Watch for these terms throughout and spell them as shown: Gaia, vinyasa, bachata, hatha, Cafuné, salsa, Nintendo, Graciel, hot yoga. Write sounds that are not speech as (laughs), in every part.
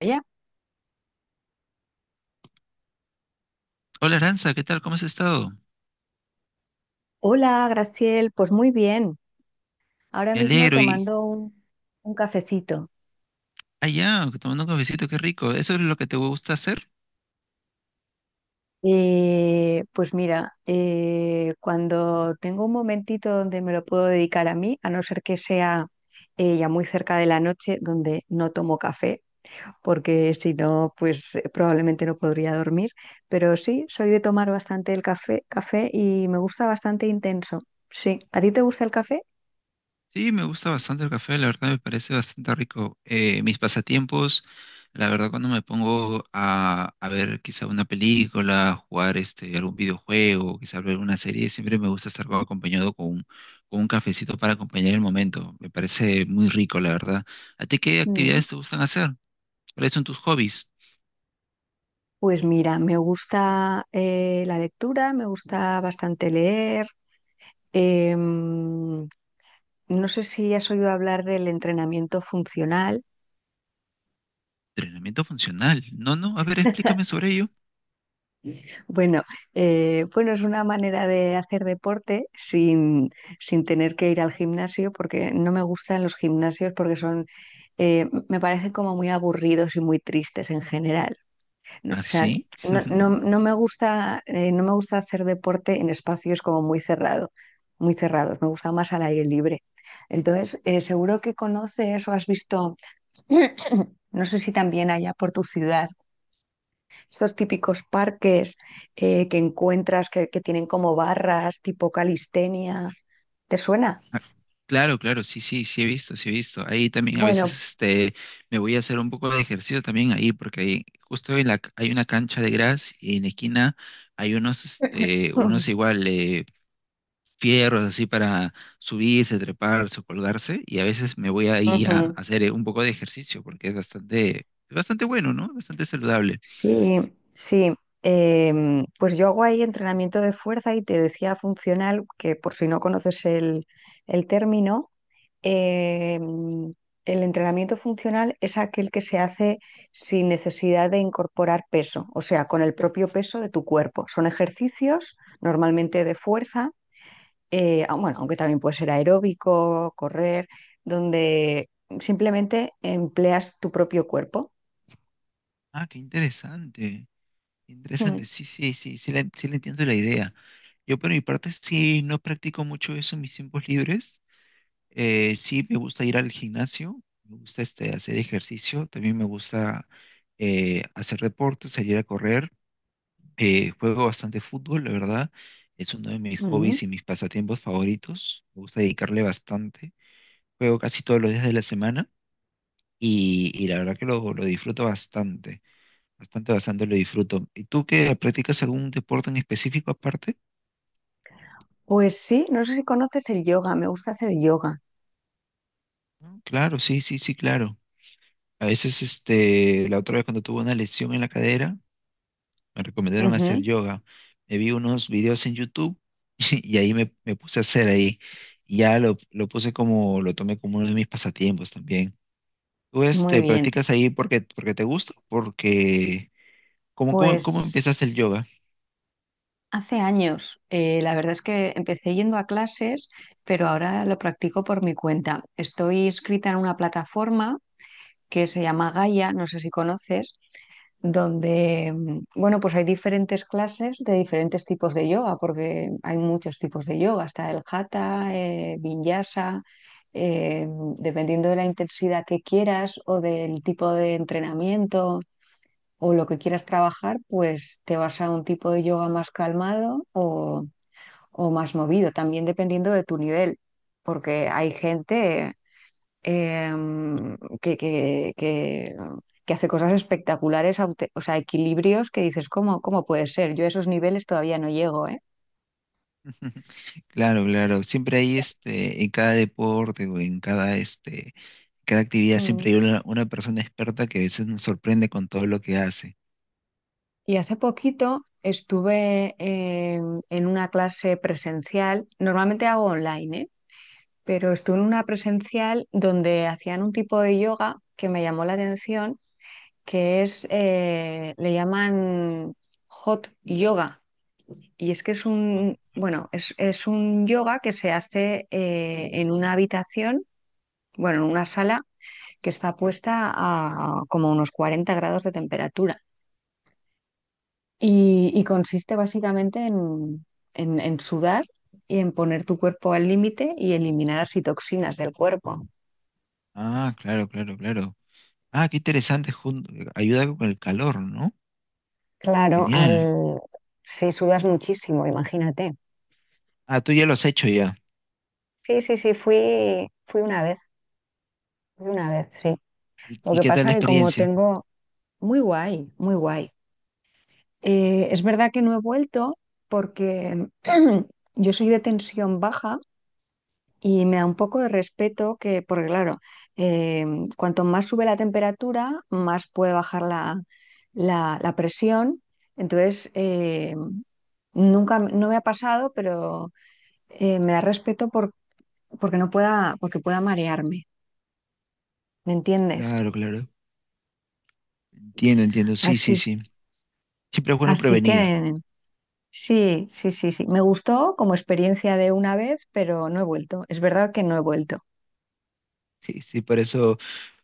Ella. Hola Aranza, ¿qué tal? ¿Cómo has estado? Hola, Graciel, pues muy bien. Ahora Me mismo alegro y tomando un cafecito. allá, tomando un cafecito, qué rico. ¿Eso es lo que te gusta hacer? Pues mira, cuando tengo un momentito donde me lo puedo dedicar a mí, a no ser que sea ya muy cerca de la noche donde no tomo café, porque si no, pues probablemente no podría dormir. Pero sí, soy de tomar bastante el café, café y me gusta bastante intenso. Sí, ¿a ti te gusta el café? Sí, me gusta bastante el café, la verdad me parece bastante rico. Mis pasatiempos, la verdad cuando me pongo a ver quizá una película, jugar este, algún videojuego, quizá ver una serie, siempre me gusta estar acompañado con un cafecito para acompañar el momento. Me parece muy rico, la verdad. ¿A ti qué Mm. actividades te gustan hacer? ¿Cuáles son tus hobbies? Pues mira, me gusta la lectura, me gusta bastante leer. em, no sé si has oído hablar del entrenamiento funcional. Entrenamiento funcional. No, no, a ver, explícame sobre ello. Bueno, bueno, es una manera de hacer deporte sin tener que ir al gimnasio, porque no me gustan los gimnasios porque son, me parecen como muy aburridos y muy tristes en general. O ¿Ah, sea, sí? (laughs) No me gusta, no me gusta hacer deporte en espacios como muy muy cerrados. Me gusta más al aire libre. Entonces, seguro que conoces o has visto, (clears throat) no sé si también allá por tu ciudad, estos típicos parques que encuentras que tienen como barras tipo calistenia. ¿Te suena? Ah, claro, claro, sí, sí, sí he visto, sí he visto. Ahí también a veces Bueno, me voy a hacer un poco de ejercicio también ahí, porque ahí, justo hay una cancha de gras y en la esquina hay unos, este, unos (clears throat) igual fierros así para subirse, treparse o colgarse, y a veces me voy ahí a ujú. hacer un poco de ejercicio, porque es bastante, bastante bueno, ¿no? Bastante saludable. Sí, sí. Pues yo hago ahí entrenamiento de fuerza y te decía funcional, que por si no conoces el término, em, el entrenamiento funcional es aquel que se hace sin necesidad de incorporar peso, o sea, con el propio peso de tu cuerpo. Son ejercicios normalmente de fuerza, bueno, aunque también puede ser aeróbico, correr, donde simplemente empleas tu propio cuerpo. Ah, qué interesante. Interesante, sí, sí, sí, sí le entiendo la idea. Yo por mi parte sí no practico mucho eso en mis tiempos libres. Sí me gusta ir al gimnasio, me gusta este, hacer ejercicio, también me gusta hacer deporte, salir a correr. Juego bastante fútbol, la verdad. Es uno de mis Mm. hobbies y mis pasatiempos favoritos. Me gusta dedicarle bastante. Juego casi todos los días de la semana y la verdad que lo disfruto bastante. Bastante, bastante lo disfruto. ¿Y tú qué practicas algún deporte en específico aparte? Pues sí, no sé si conoces el yoga, me gusta hacer yoga. Mm, claro, sí, sí, sí, claro. A veces, este, la otra vez cuando tuve una lesión en la cadera, me recomendaron hacer Ujú, yoga. Me vi unos videos en YouTube (laughs) y ahí me puse a hacer ahí. Y ya lo puse como, lo tomé como uno de mis pasatiempos también. ¿Tú, muy este, bien. practicas ahí porque, porque te gusta? Porque, ¿cómo, cómo, cómo Pues empezaste el yoga? hace años, la verdad es que empecé yendo a clases, pero ahora lo practico por mi cuenta. Estoy inscrita en una plataforma que se llama Gaia, no sé si conoces. Donde, mm, bueno, pues hay diferentes clases de diferentes tipos de yoga, porque hay muchos tipos de yoga, está el hatha, vinyasa, eh, dependiendo de la intensidad que quieras o del tipo de entrenamiento o lo que quieras trabajar, pues te vas a un tipo de yoga más calmado o más movido, también dependiendo de tu nivel, porque hay gente em, que, que, que- que hace cosas espectaculares, o sea, equilibrios que dices, ¿ cómo puede ser? Yo a esos niveles todavía no llego, ¿eh? (laughs) Claro, claro. Siempre hay este, en cada deporte o en cada este, cada actividad Mm. siempre hay una persona experta que a veces nos sorprende con todo lo que hace. Y hace poquito estuve en una clase presencial, normalmente hago online, ¿eh? Pero estuve en una presencial donde hacían un tipo de yoga que me llamó la atención, le llaman hot yoga. Y es que es un, bueno, es un yoga que se hace en una habitación, bueno, en una sala que está puesta a como unos 40 grados de temperatura. Y consiste básicamente en, en sudar y en poner tu cuerpo al límite y eliminar así toxinas del cuerpo. Ah, claro, claro, claro. Ah, qué interesante. Ayuda con el calor, ¿no? Claro, Genial. al... Sí, sudas muchísimo, imagínate. Ah, tú ya lo has hecho ya. Sí, sí, sí, fui una vez, sí. Lo Y que qué tal pasa la que como experiencia? tengo, muy guay, muy guay. Es verdad que no he vuelto porque (clears throat) yo soy de tensión baja y me da un poco de respeto porque claro, eh, cuanto más sube la temperatura, más puede bajar la presión. Entonces, nunca, no me ha pasado, pero me da respeto porque no pueda, porque pueda marearme, ¿me entiendes? Claro, claro. Entiendo, entiendo. Sí, sí, Así, sí. Siempre es bueno así prevenir. que sí, sí, sí, sí. Me gustó como experiencia de una vez, pero no he vuelto. Es verdad que no he vuelto. Sí, sí,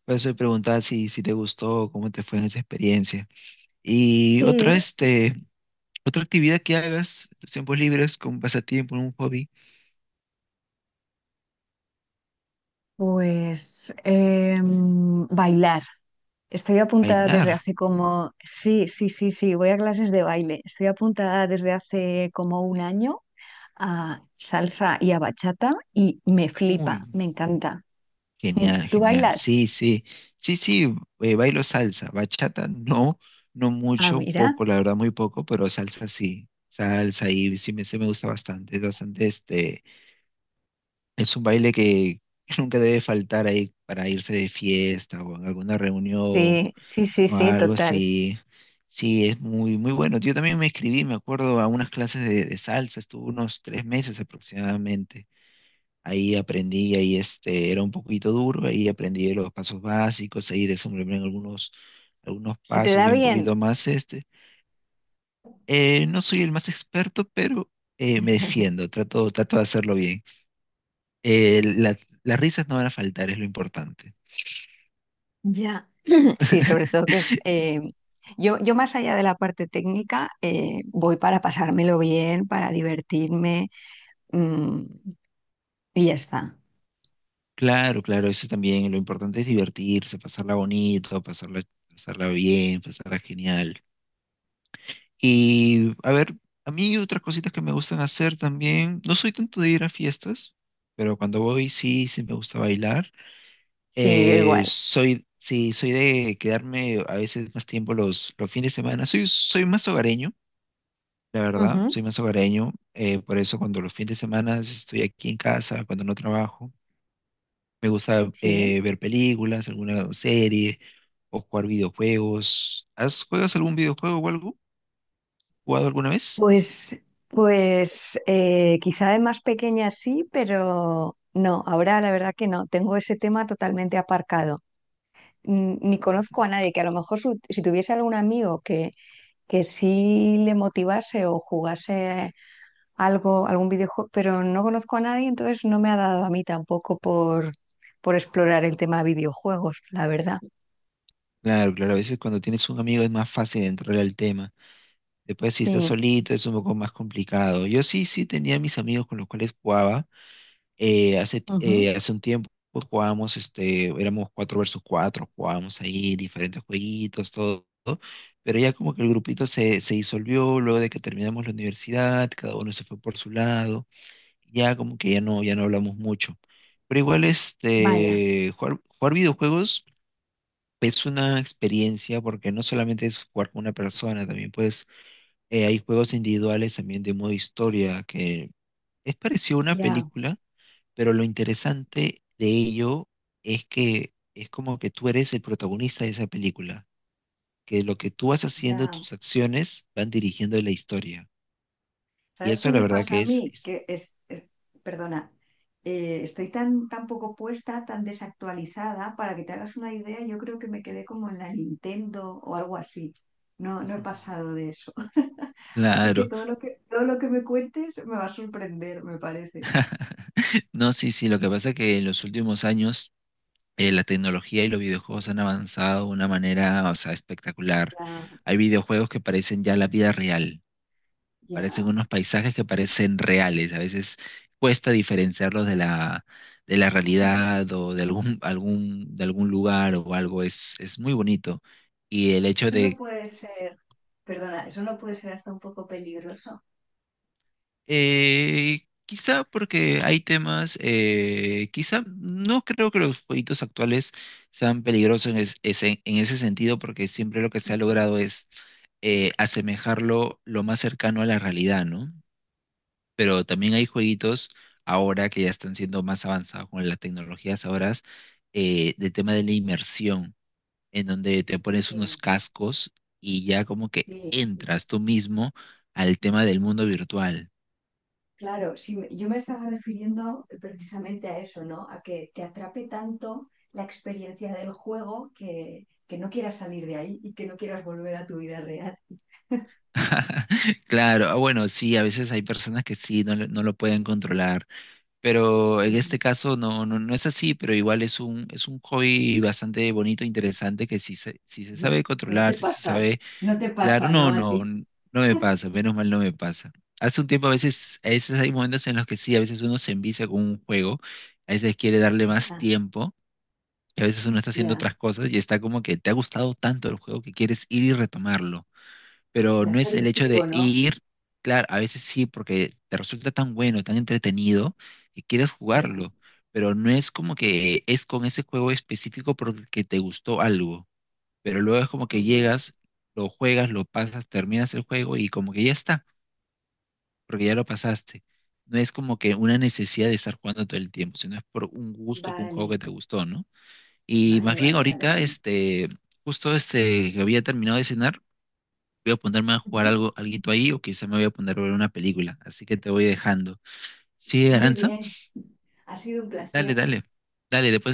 por eso te preguntaba si, si te gustó, cómo te fue en esa experiencia. Y Sí, otra, este. Otra actividad que hagas, en tus tiempos libres, con pasatiempo, un hobby, pues bailar. Estoy apuntada desde bailar. hace como, sí, sí, sí, sí, voy a clases de baile. Estoy apuntada desde hace como un año a salsa y a bachata y me Uy, flipa, me encanta. Mm, genial, ¿tú genial. bailas? Sí, sí, sí, sí, bailo salsa. Bachata, no, no Ah, mucho, mira. poco, la verdad, muy poco, pero salsa sí. Salsa y sí sí me gusta bastante, es bastante este, es un baile que (laughs) nunca debe faltar ahí para irse de fiesta o en alguna reunión Sí, sí, sí, o sí, algo total. así. Sí, es muy, muy bueno. Yo también me inscribí, me acuerdo, a unas clases de salsa, estuve unos 3 meses aproximadamente. Ahí aprendí, ahí este, era un poquito duro, ahí aprendí los pasos básicos, ahí desenvolví en algunos, algunos ¿Se te pasos da y un bien? poquito más este. No soy el más experto, pero me (laughs) defiendo, trato, trato de hacerlo bien. Las risas no van a faltar, es lo importante. Ya, (clears throat) sí, sobre todo que es... (laughs) yo más allá de la parte técnica, voy para pasármelo bien, para divertirme, mm, y ya está. Claro, claro, eso también. Lo importante es divertirse, pasarla bonito, pasarla, pasarla bien, pasarla genial. Y a ver, a mí otras cositas que me gustan hacer también. No soy tanto de ir a fiestas, pero cuando voy sí, sí me gusta bailar. Sí, yo igual. Sí, soy de quedarme a veces más tiempo los fines de semana. Soy más hogareño, la verdad, Ujú, soy más hogareño. Por eso cuando los fines de semana estoy aquí en casa, cuando no trabajo. Me gusta sí. Ver películas, alguna serie o jugar videojuegos. ¿Has, juegas algún videojuego o algo? ¿Jugado alguna vez? Pues, pues quizá de más pequeña sí, pero no, ahora la verdad que no, tengo ese tema totalmente aparcado. Mm, ni Ujú. conozco a nadie que a lo mejor si tuviese algún amigo que sí le motivase o jugase algo, algún videojuego, pero no conozco a nadie, entonces no me ha dado a mí tampoco por explorar el tema de videojuegos, la verdad. Claro, claro, a veces cuando tienes un amigo es más fácil entrar al tema. Después si estás Sí, solito es un poco más complicado. Yo sí, sí tenía mis amigos con los cuales jugaba. Ujú. Hace un tiempo pues, jugábamos, este, éramos 4 versus 4. Jugábamos ahí diferentes jueguitos, todo. Pero ya como que el grupito se disolvió luego de que terminamos la universidad, cada uno se fue por su lado. Ya como que ya no, ya no hablamos mucho. Pero igual Vaya, este, jugar, jugar videojuegos es una experiencia porque no solamente es jugar con una persona, también pues hay juegos individuales también de modo historia que es parecido a una ya, película, pero lo interesante de ello es que es como que tú eres el protagonista de esa película, que lo que tú vas haciendo, ya. tus acciones van dirigiendo la historia. Y ¿Sabes qué eso la me verdad pasa que a mí? es- Perdona, estoy tan, tan poco puesta, tan desactualizada, para que te hagas una idea, yo creo que me quedé como en la Nintendo o algo así. No, no he (laughs) pasado de eso. (laughs) Así que Claro. todo lo que, todo lo que me cuentes me va a sorprender, me parece. No, sí, sí, lo que pasa es que en los últimos años la tecnología y los videojuegos han avanzado de una manera, o sea, espectacular. Ya, Hay videojuegos que parecen ya la vida real, parecen ya. unos paisajes que parecen reales. A veces cuesta diferenciarlos de la realidad o de algún, algún, de algún lugar o algo. Es muy bonito. Y el hecho Eso no de puede ser, perdona, eso no puede ser hasta un poco peligroso. Quizá porque hay temas, quizá no creo que los jueguitos actuales sean peligrosos ese, en ese sentido, porque siempre lo que se ha Ujú. logrado es asemejarlo lo más cercano a la realidad, ¿no? Pero también hay jueguitos ahora que ya están siendo más avanzados con las tecnologías ahora, del tema de la inmersión, en donde te Sí, pones unos cascos y ya como que sí, entras tú mismo al tema del mundo virtual. claro, sí, yo me estaba refiriendo precisamente a eso, ¿no? A que te atrape tanto la experiencia del juego que no quieras salir de ahí y que no quieras volver a tu vida real. (laughs) Claro, ah, bueno, sí, a veces hay personas que sí, no, no lo pueden controlar, pero en este Ujú, caso no, no, no es así, pero igual es un hobby bastante bonito, interesante, que si se, si se ujú. sabe No te controlar, si se pasa, sabe, no te claro, pasa, no, ¿no? A no, ti. No me pasa, menos mal no me pasa. Hace un tiempo a veces hay momentos en los que sí, a veces uno se envicia con un juego, a veces quiere darle más Ya, tiempo, y a veces uno está haciendo ya, otras cosas y está como que te ha gustado tanto el juego que quieres ir y retomarlo, pero ya, no es es el hecho adictivo, de ¿no? ir, claro, a veces sí, porque te resulta tan bueno, tan entretenido, que quieres Ya. jugarlo, pero no es como que es con ese juego específico porque te gustó algo, pero luego es como que Ujú. llegas, lo juegas, lo pasas, terminas el juego y como que ya está, porque ya lo pasaste. No es como que una necesidad de estar jugando todo el tiempo, sino es por un gusto, con un juego Vale, que te gustó, ¿no? Y más vale, bien vale, vale, ahorita, vale. este, justo este, que había terminado de cenar, voy a ponerme a jugar Ujú. algo, alguito ahí o quizá me voy a poner a ver una película. Así que te voy dejando. Sí, Muy Aranza, bien, ha sido un dale, placer. dale, dale,